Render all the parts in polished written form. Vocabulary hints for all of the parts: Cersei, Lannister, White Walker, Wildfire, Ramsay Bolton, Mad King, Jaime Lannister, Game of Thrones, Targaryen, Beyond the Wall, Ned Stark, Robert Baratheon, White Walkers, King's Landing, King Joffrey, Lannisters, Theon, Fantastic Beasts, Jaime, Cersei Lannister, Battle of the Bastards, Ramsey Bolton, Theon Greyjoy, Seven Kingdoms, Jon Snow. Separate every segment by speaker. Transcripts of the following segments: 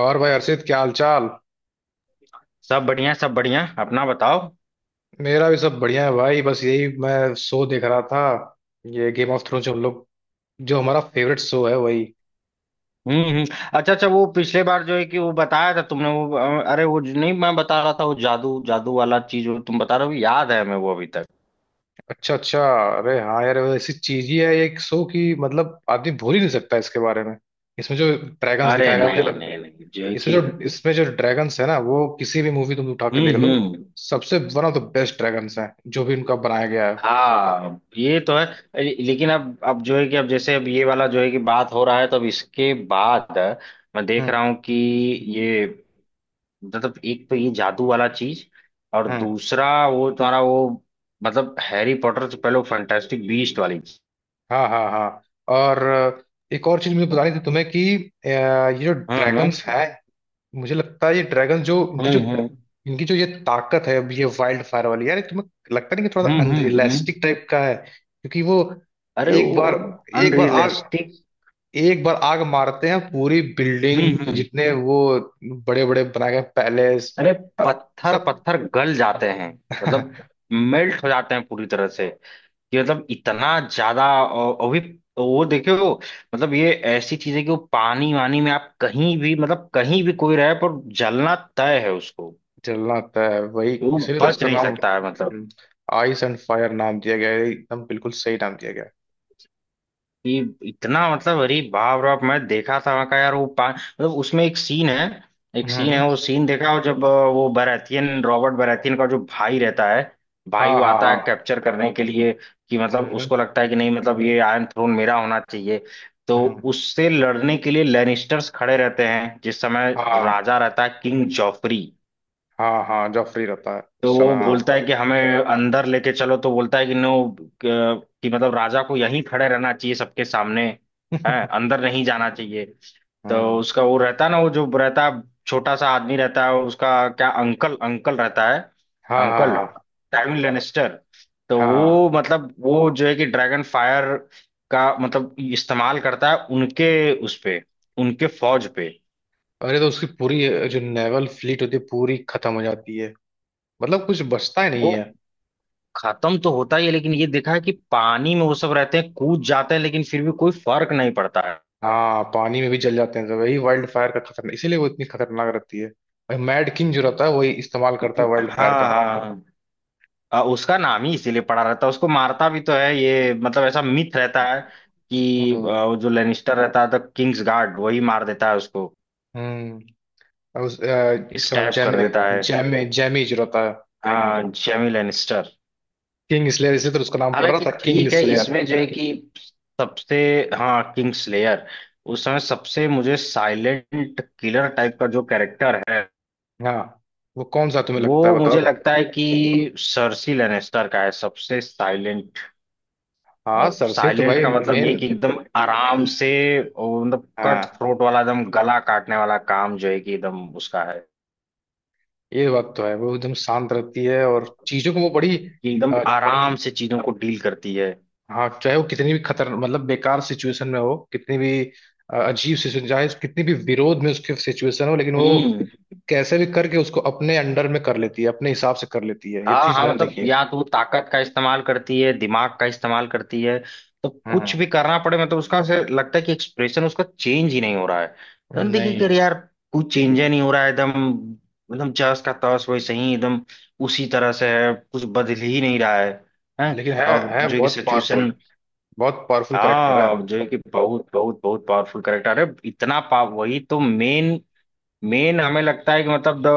Speaker 1: और भाई हर्षित, क्या हाल चाल।
Speaker 2: सब बढ़िया सब बढ़िया। अपना बताओ।
Speaker 1: मेरा भी सब बढ़िया है भाई, बस यही मैं शो देख रहा था। ये गेम ऑफ थ्रोन्स हम लोग, जो हमारा फेवरेट शो है, वही।
Speaker 2: हम्म। अच्छा अच्छा, वो पिछले बार जो है कि वो बताया था तुमने वो अरे वो नहीं, मैं बता रहा था वो जादू जादू वाला चीज वो तुम बता रहे हो, याद है हमें वो अभी तक।
Speaker 1: अच्छा अच्छा। अरे हाँ यार, वो ऐसी चीज ही है एक शो की, मतलब आदमी भूल ही नहीं सकता इसके बारे में। इसमें जो ड्रैगन्स
Speaker 2: अरे
Speaker 1: दिखाया गया मुझे
Speaker 2: नहीं
Speaker 1: लग।
Speaker 2: नहीं नहीं जो है
Speaker 1: इसमें
Speaker 2: कि।
Speaker 1: जो इसमें जो ड्रैगन्स है ना, वो किसी भी मूवी तुम उठा के देख लो,
Speaker 2: हम्म।
Speaker 1: सबसे one of the best dragons हैं जो भी उनका बनाया गया है।
Speaker 2: हाँ ये तो है। लेकिन अब जो है कि अब जैसे अब ये वाला जो है कि बात हो रहा है, तो अब इसके बाद मैं देख रहा
Speaker 1: हम्म
Speaker 2: हूँ कि ये मतलब एक तो ये जादू वाला चीज और
Speaker 1: हम्म।
Speaker 2: दूसरा वो तुम्हारा वो, मतलब हैरी पॉटर से पहले वो फैंटास्टिक बीस्ट वाली चीज।
Speaker 1: हाँ हाँ हाँ। और एक और चीज मुझे बतानी थी तुम्हें कि ये जो
Speaker 2: हाँ हाँ
Speaker 1: ड्रैगन्स हैं, मुझे लगता है ये ड्रैगन जो इनकी
Speaker 2: हाँ
Speaker 1: जो
Speaker 2: हाँ।
Speaker 1: इनकी जो ये ताकत है, अब ये वाइल्ड फायर वाली, यार तुम्हें लगता नहीं कि थोड़ा सा
Speaker 2: हम्म।
Speaker 1: अनरियलिस्टिक टाइप का है, क्योंकि वो
Speaker 2: अरे वो
Speaker 1: एक बार एक बार आग
Speaker 2: अनरियलिस्टिक।
Speaker 1: एक बार आग मारते हैं पूरी बिल्डिंग
Speaker 2: हम्म।
Speaker 1: जितने वो बड़े बड़े बनाए गए पैलेस
Speaker 2: अरे पत्थर
Speaker 1: सब।
Speaker 2: पत्थर गल जाते हैं। मतलब मेल्ट हो जाते हैं पूरी तरह से, कि मतलब इतना ज्यादा और भी वो देखो वो, मतलब ये ऐसी चीज है कि वो पानी वानी में आप कहीं भी मतलब कहीं भी कोई रहे पर जलना तय है उसको,
Speaker 1: जलना होता है वही,
Speaker 2: वो
Speaker 1: इसीलिए तो
Speaker 2: बच
Speaker 1: उसका
Speaker 2: नहीं
Speaker 1: नाम
Speaker 2: सकता है मतलब।
Speaker 1: आइस एंड फायर नाम दिया गया है, एकदम बिल्कुल सही नाम दिया गया
Speaker 2: कि इतना मतलब, अरे बाप रे बाप, मैं देखा था वहां का यार वो पा मतलब उसमें एक सीन है। एक
Speaker 1: है।
Speaker 2: सीन है
Speaker 1: हम्म।
Speaker 2: वो सीन देखा हो जब वो बराथियन रॉबर्ट बराथियन का जो भाई रहता है, भाई
Speaker 1: हाँ
Speaker 2: वो
Speaker 1: हाँ
Speaker 2: आता है
Speaker 1: हाँ।
Speaker 2: कैप्चर करने के लिए कि मतलब
Speaker 1: हम्म
Speaker 2: उसको लगता है कि नहीं, मतलब ये आयरन थ्रोन मेरा होना चाहिए। तो
Speaker 1: हम्म।
Speaker 2: उससे लड़ने के लिए लैनिस्टर्स खड़े रहते हैं जिस समय
Speaker 1: हाँ
Speaker 2: राजा रहता है किंग जॉफरी।
Speaker 1: हाँ हाँ, जब फ्री रहता है
Speaker 2: तो
Speaker 1: उस समय,
Speaker 2: वो
Speaker 1: हाँ।
Speaker 2: बोलता है कि हमें अंदर लेके चलो, तो बोलता है कि नो, कि मतलब राजा को यहीं खड़े रहना चाहिए सबके सामने है, अंदर नहीं जाना चाहिए। तो
Speaker 1: हम्म।
Speaker 2: उसका वो रहता है ना वो जो रहता है, छोटा सा आदमी रहता है उसका क्या, अंकल अंकल रहता है।
Speaker 1: हाँ हाँ
Speaker 2: अंकल
Speaker 1: हाँ
Speaker 2: टाइम लेनेस्टर। तो वो
Speaker 1: हाँ।
Speaker 2: मतलब वो जो है कि ड्रैगन फायर का मतलब इस्तेमाल करता है उनके उस पे, उनके फौज पे।
Speaker 1: अरे तो उसकी पूरी जो नेवल फ्लीट होती है पूरी खत्म हो जाती है, मतलब कुछ बचता ही
Speaker 2: वो
Speaker 1: नहीं है।
Speaker 2: खत्म तो होता ही है लेकिन ये देखा है कि पानी में वो सब रहते हैं कूद जाते हैं लेकिन फिर भी कोई फर्क नहीं पड़ता है।
Speaker 1: हाँ, पानी में भी जल जाते हैं सब, वही वाइल्ड फायर का खतरनाक इसीलिए वो इतनी खतरनाक रहती है। और मैड किंग जो रहता है वही इस्तेमाल करता है वाइल्ड
Speaker 2: हाँ
Speaker 1: फायर का।
Speaker 2: हाँ। उसका नाम ही इसीलिए पड़ा रहता है, उसको मारता भी तो है ये, मतलब ऐसा मिथ रहता है कि
Speaker 1: हम्म
Speaker 2: वो जो लेनिस्टर रहता है द किंग्स गार्ड वही मार देता है उसको,
Speaker 1: हम्म। और इसका नाम
Speaker 2: स्टैब कर
Speaker 1: जैमे
Speaker 2: देता है।
Speaker 1: जैमे जैमी जो रहता है
Speaker 2: हाँ जेमी लेनिस्टर।
Speaker 1: किंग स्लेयर, इसलिए तो उसका नाम पड़ रहा
Speaker 2: हालांकि
Speaker 1: था किंग
Speaker 2: ठीक है,
Speaker 1: स्लेयर।
Speaker 2: इसमें जो है कि सबसे, हाँ किंग्स लेयर, उस समय सबसे मुझे साइलेंट किलर टाइप का जो कैरेक्टर है
Speaker 1: हाँ। वो कौन सा तुम्हें लगता है
Speaker 2: वो
Speaker 1: बताओ।
Speaker 2: मुझे लगता है कि सर्सी लेनेस्टर का है सबसे साइलेंट।
Speaker 1: हाँ,
Speaker 2: और
Speaker 1: सरसे तो
Speaker 2: साइलेंट
Speaker 1: भाई
Speaker 2: का मतलब ये
Speaker 1: मेन।
Speaker 2: कि एकदम आराम से, और मतलब कट
Speaker 1: हाँ,
Speaker 2: थ्रोट वाला एकदम गला काटने वाला काम जो है कि एकदम उसका है,
Speaker 1: ये बात तो है, वो एकदम शांत रहती है और चीजों को वो बड़ी
Speaker 2: कि एकदम
Speaker 1: अ,
Speaker 2: आराम से चीजों को डील करती है।
Speaker 1: हाँ, चाहे वो कितनी भी खतर मतलब बेकार सिचुएशन में हो, कितनी भी अजीब सिचुएशन, चाहे कितनी भी विरोध में उसकी सिचुएशन हो लेकिन वो
Speaker 2: हम्म।
Speaker 1: कैसे भी करके उसको अपने अंडर में कर लेती है, अपने हिसाब से कर लेती है, ये
Speaker 2: हाँ
Speaker 1: चीज
Speaker 2: हाँ
Speaker 1: मैंने
Speaker 2: मतलब
Speaker 1: देखी है।
Speaker 2: या तो वो ताकत का इस्तेमाल करती है दिमाग का इस्तेमाल करती है, तो कुछ
Speaker 1: हम्म।
Speaker 2: भी करना पड़े मतलब उसका से लगता है कि एक्सप्रेशन उसका चेंज ही नहीं हो रहा है तो देखिए कि
Speaker 1: नहीं।
Speaker 2: अरे यार कुछ चेंज ही नहीं हो रहा है एकदम, एकदम जस का तस वैसे ही एकदम उसी तरह से है, कुछ बदल ही नहीं रहा है हैं।
Speaker 1: लेकिन है
Speaker 2: और
Speaker 1: है
Speaker 2: जो है कि
Speaker 1: बहुत पावरफुल,
Speaker 2: सिचुएशन,
Speaker 1: बहुत पावरफुल करेक्टर है।
Speaker 2: हाँ जो है कि बहुत बहुत बहुत पावरफुल करेक्टर है, इतना पाव वही तो मेन, मेन हमें लगता है कि मतलब दो,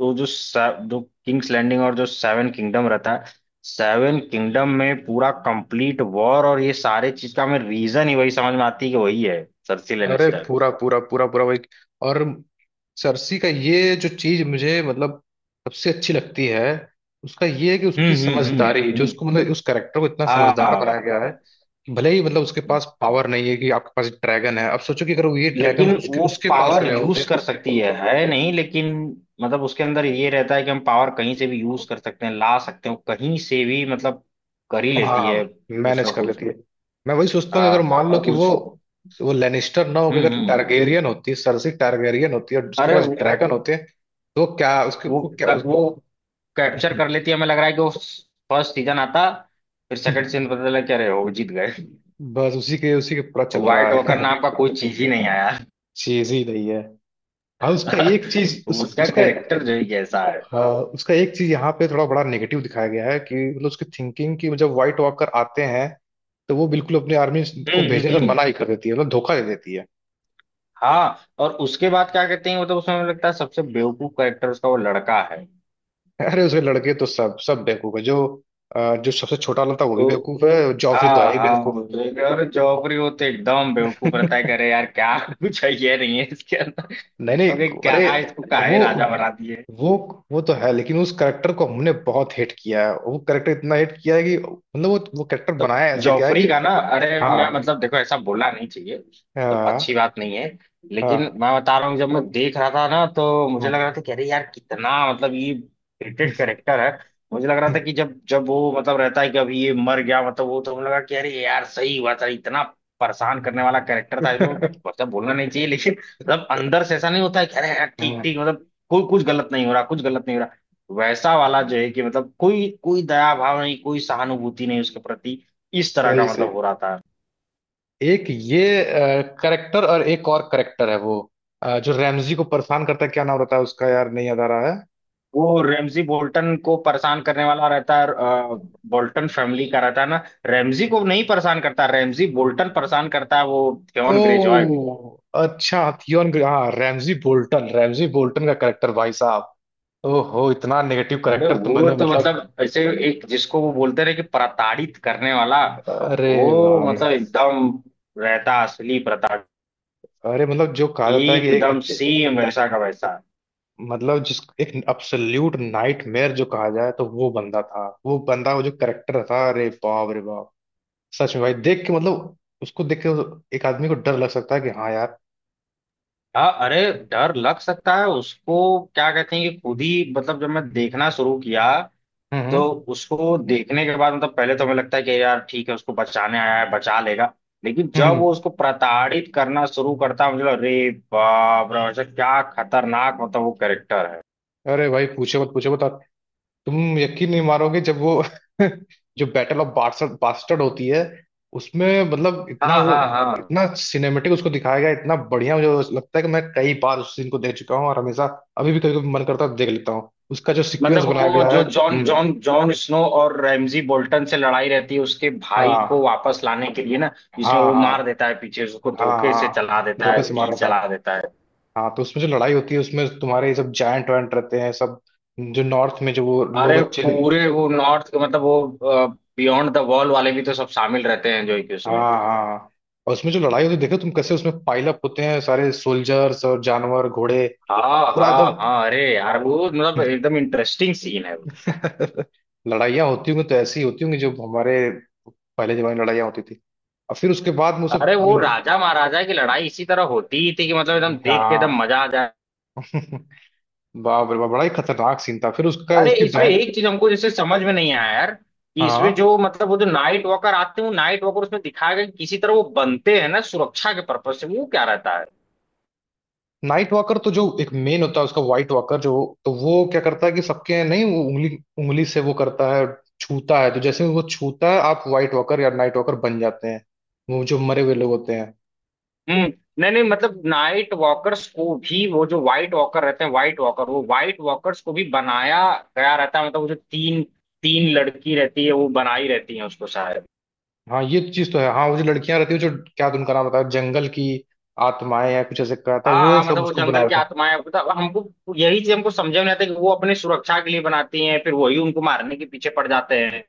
Speaker 2: वो जो जो किंग्स लैंडिंग और जो सेवन किंगडम रहता है, सेवन किंगडम में पूरा कंप्लीट वॉर और ये सारे चीज का हमें रीजन ही वही समझ में आती है कि वही है, सर्सी
Speaker 1: अरे
Speaker 2: लेनिस्टर।
Speaker 1: पूरा पूरा पूरा पूरा भाई। और सरसी का ये जो चीज मुझे मतलब सबसे अच्छी लगती है, उसका ये है कि उसकी
Speaker 2: हम्म हम्म
Speaker 1: समझदारी,
Speaker 2: हम्म
Speaker 1: जो
Speaker 2: हम्म।
Speaker 1: उसको मतलब उस करेक्टर को इतना समझदार
Speaker 2: हाँ
Speaker 1: बनाया गया है कि भले ही मतलब उसके पास पावर नहीं है कि आपके पास ड्रैगन है, अब सोचो कि अगर वो ये ड्रैगन
Speaker 2: लेकिन
Speaker 1: उसके
Speaker 2: वो
Speaker 1: उसके पास
Speaker 2: पावर
Speaker 1: रहे
Speaker 2: यूज
Speaker 1: होते।
Speaker 2: कर सकती है नहीं, लेकिन मतलब उसके अंदर ये रहता है कि हम पावर कहीं से भी यूज कर सकते हैं ला सकते हैं वो कहीं से भी, मतलब कर ही लेती
Speaker 1: हाँ,
Speaker 2: है कुछ
Speaker 1: मैनेज
Speaker 2: ना
Speaker 1: कर
Speaker 2: कुछ।
Speaker 1: लेती है। मैं वही सोचता हूँ कि
Speaker 2: हाँ
Speaker 1: अगर मान लो
Speaker 2: और
Speaker 1: कि वो
Speaker 2: उस,
Speaker 1: वो लेनिस्टर ना होकर अगर
Speaker 2: हम्म।
Speaker 1: टारगेरियन होती, सरसी टारगेरियन होती और उसके
Speaker 2: अरे
Speaker 1: पास ड्रैगन होते, तो क्या उसके,
Speaker 2: वो
Speaker 1: वो क्या
Speaker 2: वो
Speaker 1: उस...
Speaker 2: कैप्चर कर लेती है, हमें लग रहा है कि वो फर्स्ट सीजन आता, फिर सेकंड सीजन पता चला क्या रहे, वो जीत गए।
Speaker 1: बस उसी के पूरा चल रहा
Speaker 2: व्हाइट वॉकर
Speaker 1: है।
Speaker 2: नाम का कोई चीज ही नहीं आया।
Speaker 1: चीज ही नहीं है। हाँ, उसका एक चीज
Speaker 2: उसका
Speaker 1: उसका,
Speaker 2: कैरेक्टर जो है कैसा है।
Speaker 1: हाँ उसका एक चीज यहाँ पे थोड़ा बड़ा नेगेटिव दिखाया गया है कि मतलब उसकी थिंकिंग, कि जब व्हाइट वॉकर आते हैं तो वो बिल्कुल अपनी आर्मी को भेजने का
Speaker 2: हम्म।
Speaker 1: मना ही कर देती है, मतलब धोखा दे देती है।
Speaker 2: हाँ, और उसके बाद क्या कहते हैं मतलब उसमें मुझे लगता है सबसे बेवकूफ कैरेक्टर उसका वो लड़का है
Speaker 1: अरे उसके लड़के तो सब सब बेवकूफ है, जो जो सबसे छोटा वाला था वो भी
Speaker 2: तो,
Speaker 1: बेवकूफ है, जॉफरी तो है
Speaker 2: हाँ
Speaker 1: ही
Speaker 2: हाँ
Speaker 1: बेवकूफ।
Speaker 2: वो जो और जौहरी वो तो एकदम बेवकूफ रहता है, कह रहे यार क्या कुछ है ये नहीं है इसके अंदर,
Speaker 1: नहीं
Speaker 2: ओके
Speaker 1: नहीं, अरे
Speaker 2: क्या इसको काहे
Speaker 1: वो
Speaker 2: राजा बना दिए।
Speaker 1: वो वो तो है, लेकिन उस करेक्टर को हमने बहुत हिट किया है, वो करेक्टर इतना हिट किया है कि मतलब वो करेक्टर
Speaker 2: तो
Speaker 1: बनाया ऐसे, क्या है
Speaker 2: जॉफरी
Speaker 1: कि
Speaker 2: का ना, अरे
Speaker 1: हाँ
Speaker 2: मैं मतलब देखो ऐसा बोलना नहीं चाहिए तो, अच्छी
Speaker 1: हाँ
Speaker 2: बात नहीं है, लेकिन
Speaker 1: हाँ
Speaker 2: मैं बता रहा हूँ जब मैं देख रहा था ना तो मुझे लग
Speaker 1: हाँ।
Speaker 2: रहा था कि अरे यार कितना मतलब ये रेटेड करेक्टर है। मुझे लग रहा था कि जब जब वो मतलब रहता है कि अभी ये मर गया मतलब वो, तो मुझे लगा, कि अरे यार सही हुआ था, इतना परेशान करने वाला कैरेक्टर था तो। मतलब बोलना नहीं चाहिए लेकिन मतलब अंदर से ऐसा नहीं होता है कि अरे यार ठीक
Speaker 1: हम्म।
Speaker 2: ठीक मतलब कोई कुछ गलत नहीं हो रहा कुछ गलत नहीं हो रहा, वैसा वाला जो है कि मतलब कोई कोई दया भाव नहीं कोई सहानुभूति नहीं उसके प्रति, इस तरह का
Speaker 1: सही सही।
Speaker 2: मतलब हो रहा था।
Speaker 1: एक ये करेक्टर और एक और करेक्टर है वो जो रैमजी को परेशान करता है, क्या नाम रहता है उसका यार, नहीं याद आ रहा है।
Speaker 2: वो रैमजी बोल्टन को परेशान करने वाला रहता है बोल्टन फैमिली का रहता है ना, रैमजी को नहीं परेशान करता, रैमजी बोल्टन परेशान करता है वो
Speaker 1: ओ
Speaker 2: थेवन ग्रेजॉय को।
Speaker 1: अच्छा, थियोन हाँ, रैमजी बोल्टन, रैमजी बोल्टन का करेक्टर भाई, ओहो इतना नेगेटिव
Speaker 2: अरे
Speaker 1: करेक्टर
Speaker 2: वो
Speaker 1: तुमने
Speaker 2: तो
Speaker 1: मतलब।
Speaker 2: मतलब ऐसे, एक जिसको वो बोलते रहे कि प्रताड़ित करने वाला,
Speaker 1: अरे
Speaker 2: वो
Speaker 1: भाई,
Speaker 2: मतलब एकदम रहता असली प्रताड़ित,
Speaker 1: अरे मतलब जो कहा जाता है कि एक
Speaker 2: एकदम
Speaker 1: एक-,
Speaker 2: सेम वैसा का वैसा।
Speaker 1: मतलब जिस एक अब्सोल्यूट नाइटमेयर जो कहा जाए तो वो बंदा था, वो बंदा वो जो करेक्टर था, अरे बाप रे बाप। सच में भाई देख के मतलब उसको देख के एक आदमी को डर लग सकता है, कि हाँ यार।
Speaker 2: हाँ अरे डर लग सकता है उसको, क्या कहते हैं कि खुद ही मतलब जब मैं देखना शुरू किया तो
Speaker 1: हम्म
Speaker 2: उसको देखने के बाद मतलब पहले तो हमें लगता है कि यार ठीक है उसको बचाने आया है बचा लेगा, लेकिन
Speaker 1: हम्म
Speaker 2: जब वो
Speaker 1: हम्म।
Speaker 2: उसको प्रताड़ित करना शुरू करता है मुझे लगा, अरे बाप रे, ऐसा क्या खतरनाक मतलब वो कैरेक्टर है।
Speaker 1: अरे भाई पूछो मत पूछो मत, तुम यकीन नहीं मारोगे जब वो जो बैटल ऑफ बास्टर्ड बास्टर्ड होती है उसमें, मतलब इतना
Speaker 2: हाँ
Speaker 1: वो
Speaker 2: हाँ हाँ
Speaker 1: इतना सिनेमेटिक उसको दिखाया गया है, इतना बढ़िया। मुझे लगता है कि मैं कई बार उस सीन को देख चुका हूँ और हमेशा अभी भी कभी कभी मन करता है तो देख लेता हूँ उसका जो
Speaker 2: मतलब
Speaker 1: सीक्वेंस बनाया
Speaker 2: वो
Speaker 1: गया है।
Speaker 2: जो जॉन
Speaker 1: हम्म।
Speaker 2: जॉन जॉन स्नो और रैमजी बोल्टन से लड़ाई रहती है उसके भाई
Speaker 1: हाँ
Speaker 2: को वापस लाने के लिए ना, जिसमें
Speaker 1: हाँ
Speaker 2: वो
Speaker 1: हाँ
Speaker 2: मार देता है पीछे से, उसको
Speaker 1: हाँ
Speaker 2: धोखे से
Speaker 1: हाँ।
Speaker 2: चला देता है
Speaker 1: धोखे से मार
Speaker 2: तीर
Speaker 1: रहा था।
Speaker 2: चला देता है।
Speaker 1: हाँ, तो उसमें जो लड़ाई होती है उसमें तुम्हारे ये सब जायंट वायंट रहते हैं सब, जो नॉर्थ में, जो वो लोग
Speaker 2: अरे
Speaker 1: अच्छे।
Speaker 2: पूरे वो नॉर्थ के मतलब वो बियॉन्ड द वॉल वाले भी तो सब शामिल रहते हैं जो कि उसमें।
Speaker 1: हाँ हाँ। और उसमें जो लड़ाई होती है देखो तुम, कैसे उसमें पाइल अप होते हैं सारे सोल्जर्स और जानवर घोड़े,
Speaker 2: हाँ
Speaker 1: पूरा
Speaker 2: हाँ
Speaker 1: एकदम।
Speaker 2: हाँ अरे यार वो मतलब एकदम इंटरेस्टिंग सीन है वो।
Speaker 1: लड़ाइयाँ होती होंगी तो ऐसी होती होंगी, जो हमारे पहले जमाने में लड़ाइयाँ होती थी, और फिर उसके बाद में वो
Speaker 2: अरे
Speaker 1: सब।
Speaker 2: वो राजा महाराजा की लड़ाई इसी तरह होती ही थी कि मतलब एकदम देख के एकदम
Speaker 1: हाँ।
Speaker 2: मजा आ जाए।
Speaker 1: बाप रे बाप बड़ा ही खतरनाक सीन था, फिर उसका
Speaker 2: अरे
Speaker 1: उसकी
Speaker 2: इसमें
Speaker 1: बहन।
Speaker 2: एक चीज हमको जैसे समझ में नहीं आया यार कि इसमें
Speaker 1: हाँ,
Speaker 2: जो मतलब वो जो नाइट वॉकर आते हैं, वो नाइट वॉकर उसमें दिखाया गया कि किसी तरह वो बनते हैं ना सुरक्षा के पर्पज से, वो क्या रहता है।
Speaker 1: नाइट वॉकर तो जो एक मेन होता है उसका व्हाइट वॉकर जो, तो वो क्या करता है कि सबके नहीं, वो उंगली उंगली से वो करता है, छूता है, तो जैसे ही वो छूता है आप व्हाइट वॉकर या नाइट वॉकर बन जाते हैं, वो जो मरे हुए लोग होते हैं।
Speaker 2: हम्म। नहीं नहीं मतलब नाइट वॉकर्स को भी वो जो व्हाइट वॉकर रहते हैं, व्हाइट वॉकर वो व्हाइट वॉकर्स को भी बनाया गया रहता है, मतलब वो जो तीन तीन लड़की रहती है वो बनाई रहती है उसको शायद।
Speaker 1: हाँ, ये चीज तो है, हाँ वो जो लड़कियां रहती है जो, क्या तो उनका नाम बताया जंगल की आत्माएं या कुछ ऐसे कहा था,
Speaker 2: हाँ
Speaker 1: वो
Speaker 2: हाँ
Speaker 1: सब
Speaker 2: मतलब वो
Speaker 1: उसको बना।
Speaker 2: जंगल की आत्माएं, मतलब हमको यही चीज हमको समझ में नहीं आता कि वो अपनी सुरक्षा के लिए बनाती हैं फिर वही उनको मारने के पीछे पड़ जाते हैं।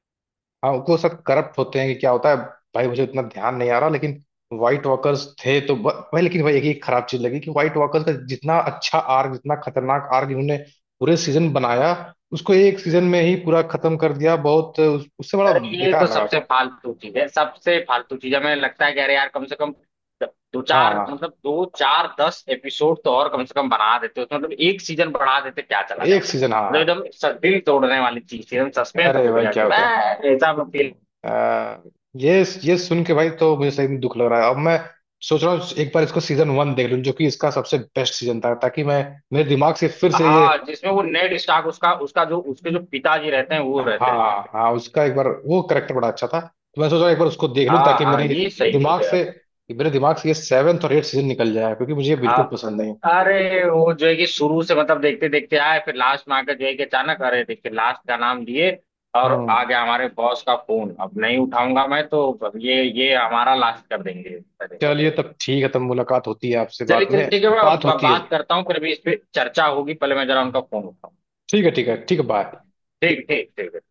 Speaker 1: हाँ, वो सब करप्ट होते हैं कि क्या होता है, भाई मुझे उतना ध्यान नहीं आ रहा लेकिन व्हाइट वॉकर्स थे तो भाई, लेकिन भाई एक ही खराब चीज लगी कि व्हाइट वॉकर्स का जितना अच्छा आर्क, जितना खतरनाक आर्क इन्होंने पूरे सीजन बनाया, उसको एक सीजन में ही पूरा खत्म कर दिया, बहुत उससे बड़ा
Speaker 2: अरे ये तो
Speaker 1: बेकार लगा।
Speaker 2: सबसे फालतू चीज है, सबसे फालतू चीज हमें लगता है कि अरे यार कम से कम दो
Speaker 1: हाँ
Speaker 2: चार
Speaker 1: हाँ,
Speaker 2: मतलब दो चार दस एपिसोड तो और कम से कम बना देते तो मतलब एक सीजन बढ़ा देते क्या चला
Speaker 1: एक
Speaker 2: जाता,
Speaker 1: सीजन, हाँ
Speaker 2: मतलब
Speaker 1: हाँ।
Speaker 2: एकदम दिल तोड़ने वाली चीज थी, एकदम
Speaker 1: हाँ।
Speaker 2: सस्पेंस
Speaker 1: अरे
Speaker 2: टूट
Speaker 1: भाई
Speaker 2: गया
Speaker 1: क्या
Speaker 2: कि
Speaker 1: होता है,
Speaker 2: बस ऐसा फील।
Speaker 1: आ, ये ये सुन के भाई तो मुझे सही में दुख लग रहा है, अब मैं सोच रहा हूँ एक बार इसको सीजन 1 देख लूँ जो कि इसका सबसे बेस्ट सीजन था, ताकि मैं मेरे दिमाग से फिर से ये,
Speaker 2: हाँ जिसमें वो नेड स्टार्क उसका उसका जो उसके जो पिताजी रहते हैं वो रहते हैं।
Speaker 1: हाँ हाँ उसका एक बार वो करेक्टर बड़ा अच्छा था, तो मैं सोचा एक बार उसको देख लूं
Speaker 2: हाँ
Speaker 1: ताकि
Speaker 2: हाँ ये सही
Speaker 1: दिमाग
Speaker 2: बोले
Speaker 1: से
Speaker 2: आप।
Speaker 1: मेरे दिमाग से ये सेवेंथ और एट सीजन निकल जाए, क्योंकि मुझे ये
Speaker 2: हाँ
Speaker 1: बिल्कुल पसंद नहीं।
Speaker 2: अरे वो जो है कि शुरू से मतलब देखते देखते आए फिर लास्ट में आकर जो है कि अचानक अरे देखिए लास्ट का नाम दिए, और आ
Speaker 1: हम्म।
Speaker 2: गया हमारे बॉस का फोन, अब नहीं उठाऊंगा मैं तो, अब ये हमारा लास्ट कर देंगे। अरे
Speaker 1: चलिए तब ठीक है, तब मुलाकात होती है आपसे
Speaker 2: चलिए
Speaker 1: बाद
Speaker 2: चलिए
Speaker 1: में,
Speaker 2: ठीक है, मैं
Speaker 1: बात होती है,
Speaker 2: बात करता हूँ फिर, अभी इस पे चर्चा होगी, पहले मैं जरा उनका फोन उठाऊँ।
Speaker 1: ठीक है ठीक है ठीक है, बाय।
Speaker 2: ठीक ठीक ठीक।